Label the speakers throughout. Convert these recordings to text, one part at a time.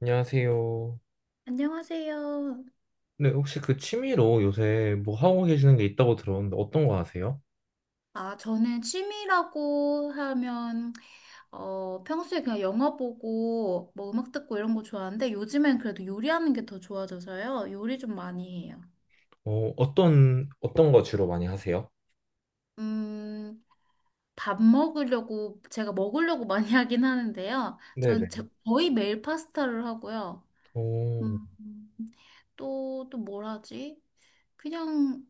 Speaker 1: 안녕하세요.
Speaker 2: 안녕하세요.
Speaker 1: 네, 혹시 그 취미로 요새 뭐 하고 계시는 게 있다고 들었는데 어떤 거 하세요?
Speaker 2: 아, 저는 취미라고 하면, 평소에 그냥 영화 보고, 뭐 음악 듣고 이런 거 좋아하는데, 요즘엔 그래도 요리하는 게 더 좋아져서요. 요리 좀 많이 해요.
Speaker 1: 어, 어떤 거 주로 많이 하세요?
Speaker 2: 음, 밥 먹으려고, 제가 먹으려고 많이 하긴 하는데요.
Speaker 1: 네네.
Speaker 2: 전 거의 매일 파스타를 하고요.
Speaker 1: 오,
Speaker 2: 음, 또 뭘 하지? 그냥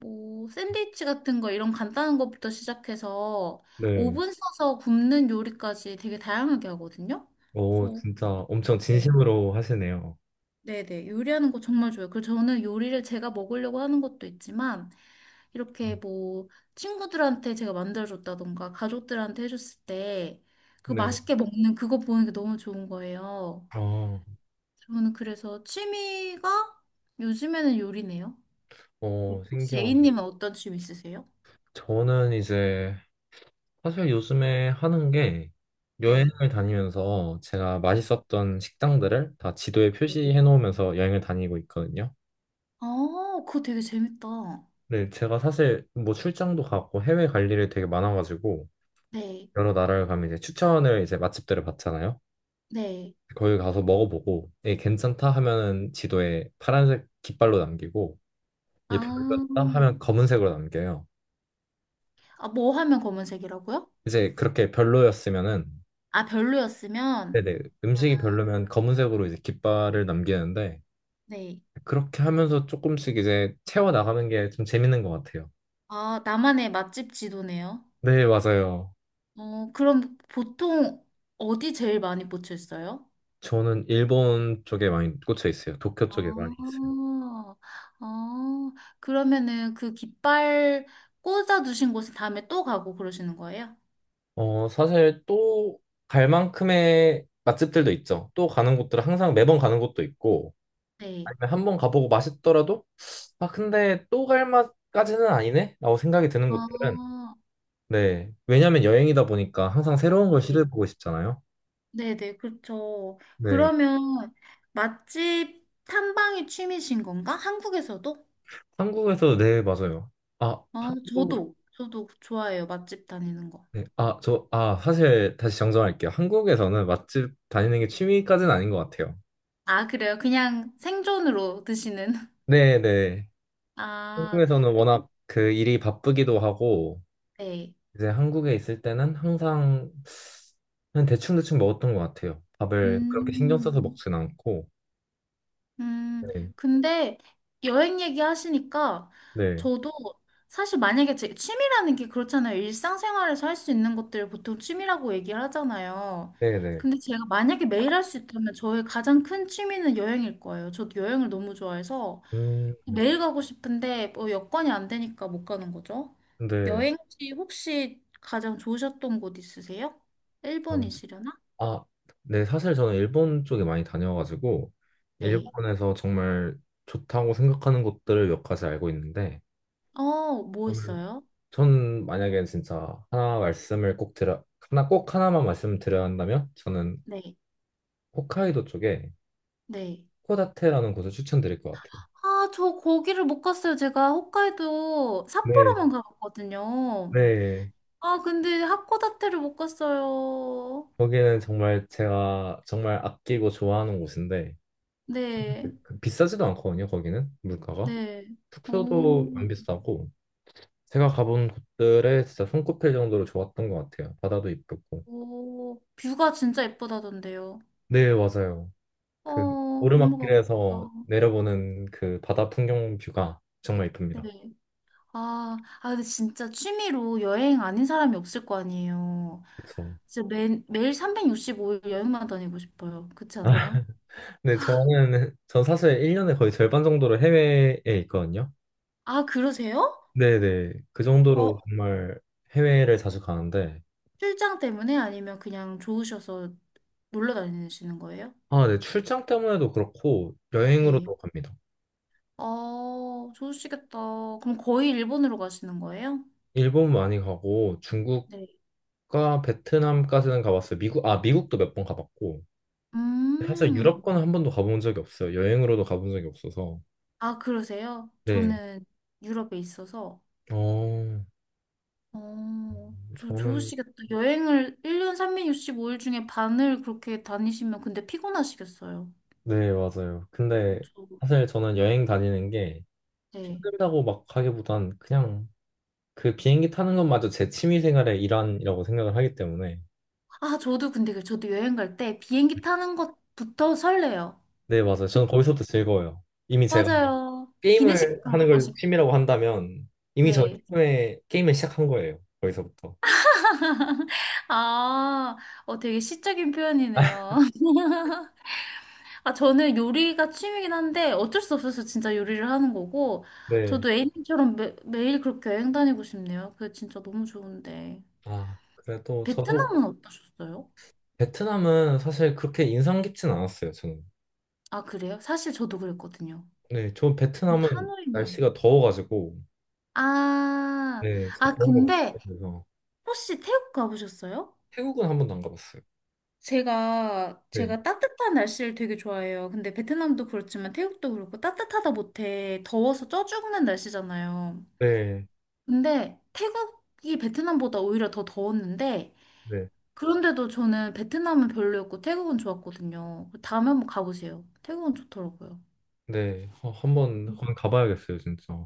Speaker 2: 뭐 샌드위치 같은 거 이런 간단한 것부터 시작해서
Speaker 1: 네.
Speaker 2: 오븐 써서 굽는 요리까지 되게 다양하게 하거든요.
Speaker 1: 오,
Speaker 2: 그래서
Speaker 1: 진짜 엄청
Speaker 2: 네,
Speaker 1: 진심으로 하시네요.
Speaker 2: 네네 요리하는 거 정말 좋아요. 그리고 저는 요리를 제가 먹으려고 하는 것도 있지만 이렇게 뭐 친구들한테 제가 만들어줬다던가 가족들한테 해줬을 때 그
Speaker 1: 네.
Speaker 2: 맛있게 먹는 그거 보는 게 너무 좋은 거예요.
Speaker 1: 아,
Speaker 2: 저는 그래서 취미가 요즘에는 요리네요.
Speaker 1: 어,
Speaker 2: 혹시
Speaker 1: 신기하다.
Speaker 2: A님은 어떤 취미 있으세요?
Speaker 1: 저는 이제 사실 요즘에 하는 게
Speaker 2: 네.
Speaker 1: 여행을 다니면서 제가 맛있었던 식당들을 다 지도에 표시해 놓으면서 여행을 다니고 있거든요.
Speaker 2: 아, 그거 되게 재밌다.
Speaker 1: 네, 제가 사실 뭐 출장도 가고 해외 갈 일이 되게 많아가지고
Speaker 2: 네,
Speaker 1: 여러 나라를 가면 이제 추천을 이제 맛집들을 받잖아요.
Speaker 2: 네.
Speaker 1: 거기 가서 먹어보고 예, 괜찮다 하면은 지도에 파란색 깃발로 남기고 이게
Speaker 2: 아,
Speaker 1: 별로였다 하면 검은색으로 남겨요.
Speaker 2: 아, 뭐 하면 검은색이라고요?
Speaker 1: 이제 그렇게 별로였으면은
Speaker 2: 아, 별로였으면?
Speaker 1: 네네
Speaker 2: 아,
Speaker 1: 음식이 별로면 검은색으로 이제 깃발을 남기는데
Speaker 2: 네.
Speaker 1: 그렇게 하면서 조금씩 이제 채워 나가는 게 좀 재밌는 것 같아요.
Speaker 2: 아, 나만의 맛집 지도네요.
Speaker 1: 네, 맞아요.
Speaker 2: 어, 그럼 보통 어디 제일 많이 꽂혔어요?
Speaker 1: 저는 일본 쪽에 많이 꽂혀 있어요. 도쿄 쪽에 많이 있어요.
Speaker 2: 아, 아, 그러면은 그 깃발 꽂아두신 곳에 다음에 또 가고 그러시는 거예요?
Speaker 1: 어, 사실 또 갈 만큼의 맛집들도 있죠. 또 가는 곳들은 항상 매번 가는 곳도 있고,
Speaker 2: 네.
Speaker 1: 아니면 한번 가보고 맛있더라도, 아, 근데 또 갈 맛까지는 아니네? 라고 생각이 드는 곳들은,
Speaker 2: 아,
Speaker 1: 네. 왜냐면 여행이다 보니까 항상 새로운 걸
Speaker 2: 네.
Speaker 1: 시도해보고 싶잖아요.
Speaker 2: 네네, 그렇죠.
Speaker 1: 네.
Speaker 2: 그러면 맛집 탐방이 취미신 건가? 한국에서도?
Speaker 1: 한국에서, 네, 맞아요. 아,
Speaker 2: 어,
Speaker 1: 한국,
Speaker 2: 저도 좋아해요. 맛집 다니는 거.
Speaker 1: 네. 아, 저, 아, 사실 다시 정정할게요. 한국에서는 맛집 다니는 게 취미까지는 아닌 것 같아요.
Speaker 2: 아, 그래요? 그냥 생존으로 드시는?
Speaker 1: 네, 네.
Speaker 2: 아,
Speaker 1: 한국에서는 워낙 그 일이 바쁘기도 하고,
Speaker 2: 네.
Speaker 1: 이제 한국에 있을 때는 항상 그냥 대충대충 먹었던 것 같아요. 밥을 그렇게 신경
Speaker 2: 음,
Speaker 1: 써서 먹진 않고.
Speaker 2: 음,
Speaker 1: 네,
Speaker 2: 근데 여행 얘기 하시니까
Speaker 1: 네,
Speaker 2: 저도 사실 만약에 제 취미라는 게 그렇잖아요. 일상생활에서 할 수 있는 것들을 보통 취미라고 얘기를 하잖아요.
Speaker 1: 네, 네.
Speaker 2: 근데 제가 만약에 매일 할 수 있다면 저의 가장 큰 취미는 여행일 거예요. 저도 여행을 너무 좋아해서
Speaker 1: 음,
Speaker 2: 매일 가고 싶은데 뭐 여건이 안 되니까 못 가는 거죠.
Speaker 1: 근데
Speaker 2: 여행지 혹시 가장 좋으셨던 곳 있으세요?
Speaker 1: 음,
Speaker 2: 일본이시려나?
Speaker 1: 아, 네, 사실 저는 일본 쪽에 많이 다녀가지고
Speaker 2: 네.
Speaker 1: 일본에서 정말 좋다고 생각하는 곳들을 몇 가지 알고 있는데
Speaker 2: 어, 뭐
Speaker 1: 저는
Speaker 2: 있어요?
Speaker 1: 전 만약에 진짜 하나 말씀을 꼭 드려 하나 꼭 하나만 말씀을 드려야 한다면 저는
Speaker 2: 네.
Speaker 1: 홋카이도 쪽에
Speaker 2: 네.
Speaker 1: 코다테라는 곳을 추천드릴 것 같아요.
Speaker 2: 아, 저 거기를 못 갔어요. 제가 홋카이도
Speaker 1: 네,
Speaker 2: 삿포로만 가봤거든요.
Speaker 1: 네.
Speaker 2: 아, 근데 하코다테를 못 갔어요.
Speaker 1: 거기는 정말 제가 정말 아끼고 좋아하는 곳인데
Speaker 2: 네,
Speaker 1: 그 비싸지도 않거든요. 거기는 물가가
Speaker 2: 네. 어,
Speaker 1: 숙소도 안 비싸고 제가 가본 곳들에 진짜 손꼽힐 정도로 좋았던 것 같아요. 바다도 이쁘고
Speaker 2: 오, 뷰가 진짜 예쁘다던데요.
Speaker 1: 네 맞아요. 그
Speaker 2: 어, 정말 가고
Speaker 1: 오르막길에서
Speaker 2: 싶다.
Speaker 1: 내려보는 그 바다 풍경 뷰가 정말 이쁩니다.
Speaker 2: 네. 아, 아, 근데 진짜 취미로 여행 아닌 사람이 없을 거 아니에요.
Speaker 1: 그렇죠.
Speaker 2: 진짜 매일 365일 여행만 다니고 싶어요. 그렇지 않아요?
Speaker 1: 데 저는 전 사실 1년에 거의 절반 정도를 해외에 있거든요.
Speaker 2: 아, 그러세요?
Speaker 1: 네네 그 정도로
Speaker 2: 어,
Speaker 1: 정말 해외를 자주 가는데
Speaker 2: 출장 때문에 아니면 그냥 좋으셔서 놀러 다니시는 거예요?
Speaker 1: 아, 네. 출장 때문에도 그렇고
Speaker 2: 네.
Speaker 1: 여행으로도 갑니다.
Speaker 2: 아, 좋으시겠다. 그럼 거의 일본으로 가시는 거예요?
Speaker 1: 일본 많이 가고 중국과
Speaker 2: 네.
Speaker 1: 베트남까지는 가봤어요. 미국, 아, 미국도 몇 번 가봤고. 사실
Speaker 2: 음.
Speaker 1: 유럽권은 한 번도 가본 적이 없어요. 여행으로도 가본 적이 없어서.
Speaker 2: 아, 그러세요?
Speaker 1: 네.
Speaker 2: 저는 유럽에 있어서.
Speaker 1: 어,
Speaker 2: 어, 저
Speaker 1: 저는,
Speaker 2: 좋으시겠다. 여행을 1년 삼육6 5일 중에 반을 그렇게 다니시면 근데 피곤하시겠어요.
Speaker 1: 네, 맞아요. 근데
Speaker 2: 그쵸.
Speaker 1: 사실 저는 여행 다니는 게
Speaker 2: 네.
Speaker 1: 힘들다고 막 하기보단 그냥 그 비행기 타는 것마저 제 취미 생활의 일환이라고 생각을 하기 때문에.
Speaker 2: 아, 저도 근데 저도 여행 갈 때 비행기 타는 것부터 설레요.
Speaker 1: 네, 맞아요.
Speaker 2: 그-
Speaker 1: 저는 거기서부터 즐거워요. 이미 제가
Speaker 2: 맞아요. 기내식도
Speaker 1: 게임을 하는
Speaker 2: 가고
Speaker 1: 걸
Speaker 2: 싶고.
Speaker 1: 취미라고 한다면 이미 저
Speaker 2: 네.
Speaker 1: 게임에 게임을 시작한 거예요. 거기서부터.
Speaker 2: 아, 어, 되게 시적인 표현이네요. 아, 저는 요리가 취미긴 한데 어쩔 수 없어서 진짜 요리를 하는 거고,
Speaker 1: 네.
Speaker 2: 저도 A님처럼 매일 그렇게 여행 다니고 싶네요. 그게 진짜 너무 좋은데.
Speaker 1: 아, 그래도 저도
Speaker 2: 베트남은 어떠셨어요?
Speaker 1: 베트남은 사실 그렇게 인상 깊진 않았어요, 저는.
Speaker 2: 아, 그래요? 사실 저도 그랬거든요.
Speaker 1: 네, 저
Speaker 2: 전
Speaker 1: 베트남은
Speaker 2: 하노이만.
Speaker 1: 날씨가 더워가지고
Speaker 2: 아,
Speaker 1: 네, 진짜
Speaker 2: 아,
Speaker 1: 더운 거
Speaker 2: 근데
Speaker 1: 못해서
Speaker 2: 혹시 태국 가보셨어요?
Speaker 1: 태국은 한 번도 안 가봤어요.
Speaker 2: 제가,
Speaker 1: 네.
Speaker 2: 제가 따뜻한 날씨를 되게 좋아해요. 근데 베트남도 그렇지만 태국도 그렇고 따뜻하다 못해 더워서 쪄 죽는 날씨잖아요.
Speaker 1: 네.
Speaker 2: 근데 태국이 베트남보다 오히려 더 더웠는데
Speaker 1: 네.
Speaker 2: 그런데도 저는 베트남은 별로였고 태국은 좋았거든요. 다음에 한번 가보세요. 태국은 좋더라고요.
Speaker 1: 네. 어, 한번 가봐야겠어요, 진짜.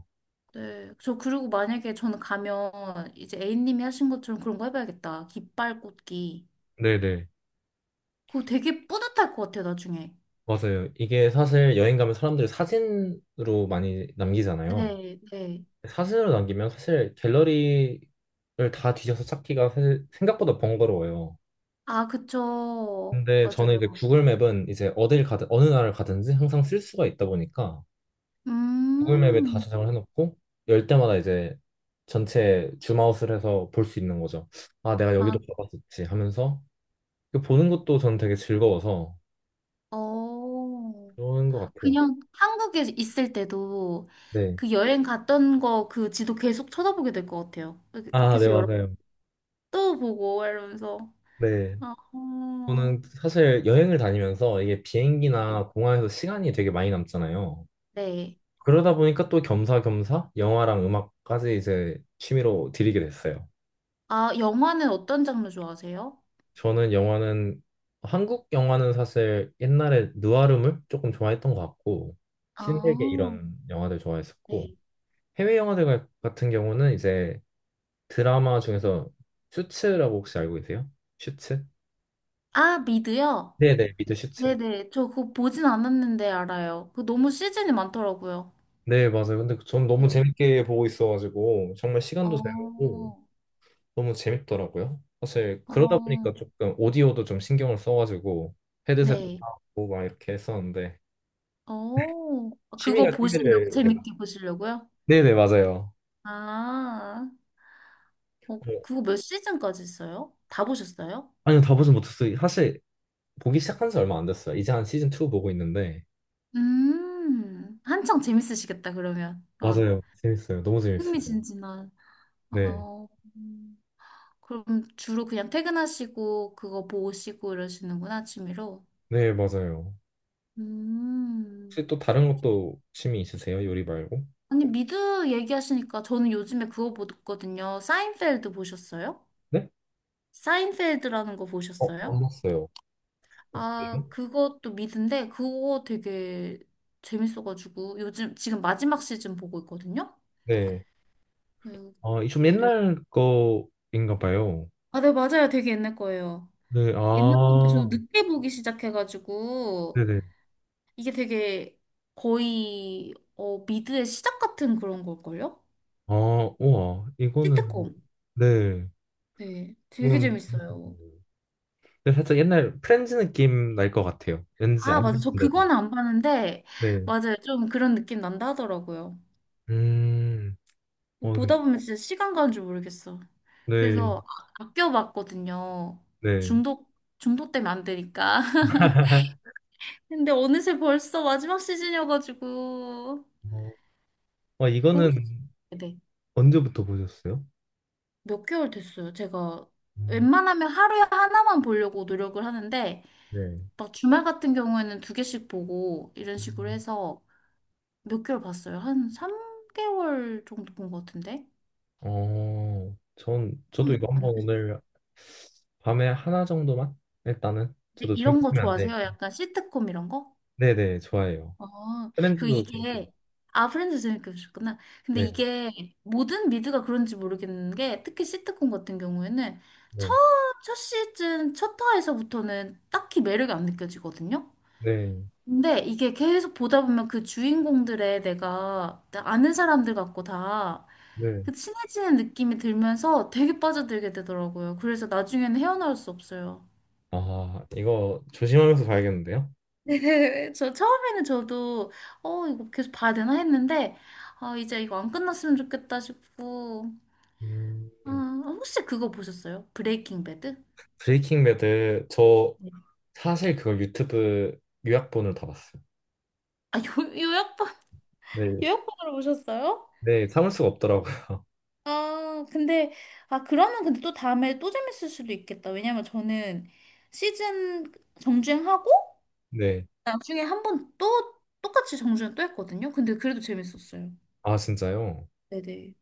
Speaker 2: 네. 저 그리고 만약에 저는 가면 이제 A님이 하신 것처럼 그런 거 해봐야겠다. 깃발 꽂기.
Speaker 1: 네, 네.
Speaker 2: 그거 되게 뿌듯할 것 같아요, 나중에.
Speaker 1: 맞아요. 이게 사실 여행 가면 사람들이 사진으로 많이 남기잖아요.
Speaker 2: 네, 네.
Speaker 1: 사진으로 남기면 사실 갤러리를 다 뒤져서 찾기가 사실 생각보다 번거로워요.
Speaker 2: 아, 그쵸.
Speaker 1: 근데 저는 이제
Speaker 2: 맞아요.
Speaker 1: 구글 맵은 이제 어딜 가든 어느 나라를 가든지 항상 쓸 수가 있다 보니까 구글 맵에 다
Speaker 2: 음,
Speaker 1: 저장을 해놓고 열 때마다 이제 전체 줌아웃을 해서 볼 수 있는 거죠. 아, 내가 여기도
Speaker 2: 아,
Speaker 1: 가봤었지 하면서 그 보는 것도 저는 되게 즐거워서
Speaker 2: 어.
Speaker 1: 그런 것 같아요.
Speaker 2: 그냥 한국에 있을 때도
Speaker 1: 네.
Speaker 2: 그 여행 갔던 거 그 지도 계속 쳐다보게 될 것 같아요. 그
Speaker 1: 아, 네,
Speaker 2: 계속 여러
Speaker 1: 맞아요.
Speaker 2: 번또 보고 이러면서.
Speaker 1: 네.
Speaker 2: 아, 어.
Speaker 1: 저는 사실 여행을 다니면서 이게 비행기나 공항에서 시간이 되게 많이 남잖아요.
Speaker 2: 네.
Speaker 1: 그러다 보니까 또 겸사겸사 영화랑 음악까지 이제 취미로 들이게 됐어요.
Speaker 2: 아, 영화는 어떤 장르 좋아하세요?
Speaker 1: 저는 영화는 한국 영화는 사실 옛날에 느와르물 조금 좋아했던 것 같고 신세계
Speaker 2: 아,
Speaker 1: 이런 영화들 좋아했었고
Speaker 2: 네.
Speaker 1: 해외 영화들 가- 같은 경우는 이제 드라마 중에서 슈츠라고 혹시 알고 계세요? 슈츠?
Speaker 2: 아, 미드요?
Speaker 1: 네네 미드 슈츠.
Speaker 2: 네네. 저 그거 보진 않았는데 알아요. 그 너무 시즌이 많더라고요.
Speaker 1: 네 맞아요. 근데 전 너무
Speaker 2: 저,
Speaker 1: 재밌게 보고 있어가지고 정말 시간도 잘 가고
Speaker 2: 어,
Speaker 1: 너무 재밌더라고요. 사실 그러다
Speaker 2: 어,
Speaker 1: 보니까 조금 오디오도 좀 신경을 써가지고 헤드셋도
Speaker 2: 네.
Speaker 1: 사고 막 이렇게 했었는데
Speaker 2: 어, 그거
Speaker 1: 취미가
Speaker 2: 보시려고,
Speaker 1: 취미를 이제 막-
Speaker 2: 재밌게 보시려고요?
Speaker 1: 네네 맞아요.
Speaker 2: 아, 어,
Speaker 1: 어,
Speaker 2: 그거 몇 시즌까지 있어요? 다 보셨어요?
Speaker 1: 아니요 다 보진 못했어요. 사실 보기 시작한 지 얼마 안 됐어요. 이제 한 시즌 2 보고 있는데
Speaker 2: 한창 재밌으시겠다, 그러면. 막,
Speaker 1: 맞아요. 재밌어요. 너무 재밌어요.
Speaker 2: 흥미진진한.
Speaker 1: 네.
Speaker 2: 어, 음. 그럼 주로 그냥 퇴근하시고, 그거 보시고 이러시는구나, 취미로.
Speaker 1: 네 맞아요.
Speaker 2: 음.
Speaker 1: 혹시 또 다른 것도 취미 있으세요? 요리 말고?
Speaker 2: 아니, 미드 얘기하시니까 저는 요즘에 그거 보거든요. 사인펠드 보셨어요?
Speaker 1: 네?
Speaker 2: 사인펠드라는 거
Speaker 1: 어,
Speaker 2: 보셨어요?
Speaker 1: 안 봤어요. 네.
Speaker 2: 아, 그것도 미드인데, 그거 되게 재밌어가지고, 요즘, 지금 마지막 시즌 보고 있거든요?
Speaker 1: 네.
Speaker 2: 음,
Speaker 1: 아, 좀
Speaker 2: 네.
Speaker 1: 옛날 거인가 봐요.
Speaker 2: 아, 네, 맞아요. 되게 옛날 거예요.
Speaker 1: 네.
Speaker 2: 옛날 건데, 저도
Speaker 1: 아.
Speaker 2: 늦게 보기 시작해가지고,
Speaker 1: 네네.
Speaker 2: 이게 되게 어, 미드의 시작 같은 그런 걸걸요?
Speaker 1: 아, 우와. 이거는,
Speaker 2: 시트콤.
Speaker 1: 네.
Speaker 2: 네. 되게
Speaker 1: 이건,
Speaker 2: 재밌어요.
Speaker 1: 근데 살짝 옛날 프렌즈 느낌 날 것 같아요. 왠지
Speaker 2: 아,
Speaker 1: 안
Speaker 2: 맞아. 저
Speaker 1: 봤는데도.
Speaker 2: 그거는 안 봤는데,
Speaker 1: 네.
Speaker 2: 맞아요. 좀 그런 느낌 난다 하더라고요.
Speaker 1: 음, 어, 네.
Speaker 2: 보다 보면 진짜 시간 가는 줄 모르겠어.
Speaker 1: 네.
Speaker 2: 그래서 아껴봤거든요.
Speaker 1: 네.
Speaker 2: 중독, 중독되면 안 되니까. 근데 어느새 벌써 마지막 시즌이어가지고.
Speaker 1: 어,
Speaker 2: 그 혹시-
Speaker 1: 이거는
Speaker 2: 네.
Speaker 1: 언제부터 보셨어요?
Speaker 2: 몇 개월 됐어요. 제가
Speaker 1: 음,
Speaker 2: 웬만하면 하루에 하나만 보려고 노력을 하는데,
Speaker 1: 네.
Speaker 2: 막 주말 같은 경우에는 두 개씩 보고, 이런 식으로 해서 몇 개월 봤어요. 한 3개월 정도 본 것 같은데?
Speaker 1: 어, 전, 저도 이거
Speaker 2: 좀 안
Speaker 1: 한번
Speaker 2: 됐어요.
Speaker 1: 오늘 밤에 하나 정도만? 일단은. 저도
Speaker 2: 이런 거
Speaker 1: 생각하면 안
Speaker 2: 좋아하세요?
Speaker 1: 되니까.
Speaker 2: 약간 시트콤 이런 거?
Speaker 1: 네네, 좋아요.
Speaker 2: 어, 그
Speaker 1: 프렌즈도 재밌게. 봤어요.
Speaker 2: 이게, 아, 프렌즈 재밌게 보셨구나. 근데
Speaker 1: 네,
Speaker 2: 이게 모든 미드가 그런지 모르겠는 게, 특히 시트콤 같은 경우에는 첫,
Speaker 1: 네,
Speaker 2: 첫 시즌, 첫 화에서부터는 딱히 매력이 안 느껴지거든요?
Speaker 1: 네,
Speaker 2: 근데 이게 계속 보다 보면 그 주인공들의 내가 아는 사람들 같고 다,
Speaker 1: 네.
Speaker 2: 그 친해지는 느낌이 들면서 되게 빠져들게 되더라고요. 그래서 나중에는 헤어나올 수 없어요.
Speaker 1: 아, 이거 조심하면서 봐야겠는데요?
Speaker 2: 네, 저 처음에는 저도 어 이거 계속 봐야 되나 했는데 아 이제 이거 안 끝났으면 좋겠다 싶고
Speaker 1: 음,
Speaker 2: 아 혹시 그거 보셨어요? 브레이킹 배드?
Speaker 1: 브레이킹 배드 저
Speaker 2: 네.
Speaker 1: 사실 그걸 유튜브 요약본을 다 봤어요.
Speaker 2: 아 요, 요약본
Speaker 1: 네,
Speaker 2: 요약본으로 보셨어요?
Speaker 1: 네, 참을 수가 없더라고요.
Speaker 2: 아 근데 아 그러면 근데 또 다음에 또 재밌을 수도 있겠다 왜냐면 저는 시즌 정주행하고
Speaker 1: 네,
Speaker 2: 나중에 한 번 또 똑같이 정주행 또 했거든요 근데 그래도 재밌었어요
Speaker 1: 아 진짜요?
Speaker 2: 네네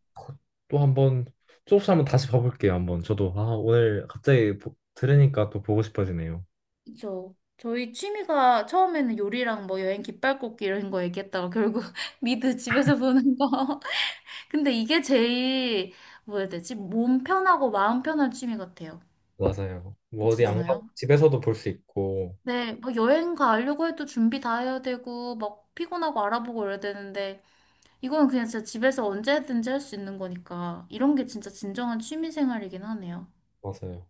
Speaker 1: 또 한번 조금씩 한번 다시 봐볼게요. 한번 저도 아 오늘 갑자기 보- 들으니까 또 보고 싶어지네요.
Speaker 2: 그죠. 저희 취미가 처음에는 요리랑 뭐 여행 깃발 꽂기 이런 거 얘기했다가 결국 미드 집에서 보는 거. 근데 이게 제일 뭐 해야 되지? 몸 편하고 마음 편한 취미 같아요.
Speaker 1: 맞아요. 뭐 어디 안 가고
Speaker 2: 그렇잖아요.
Speaker 1: 집에서도 볼 수 있고
Speaker 2: 네, 뭐 여행 가려고 해도 준비 다 해야 되고 막 피곤하고 알아보고 이래야 되는데 이거는 그냥 진짜 집에서 언제든지 할 수 있는 거니까 이런 게 진짜 진정한 취미 생활이긴 하네요.
Speaker 1: 맞아요.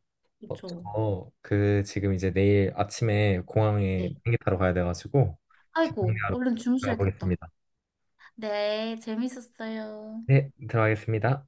Speaker 1: 어,
Speaker 2: 그렇죠.
Speaker 1: 저그 지금 이제 내일 아침에 공항에
Speaker 2: 네.
Speaker 1: 비행기 타러 가야 돼가지고
Speaker 2: 아이고,
Speaker 1: 집중하러
Speaker 2: 얼른
Speaker 1: 들어가
Speaker 2: 주무셔야겠다.
Speaker 1: 보겠습니다.
Speaker 2: 네, 재밌었어요.
Speaker 1: 네, 들어가겠습니다.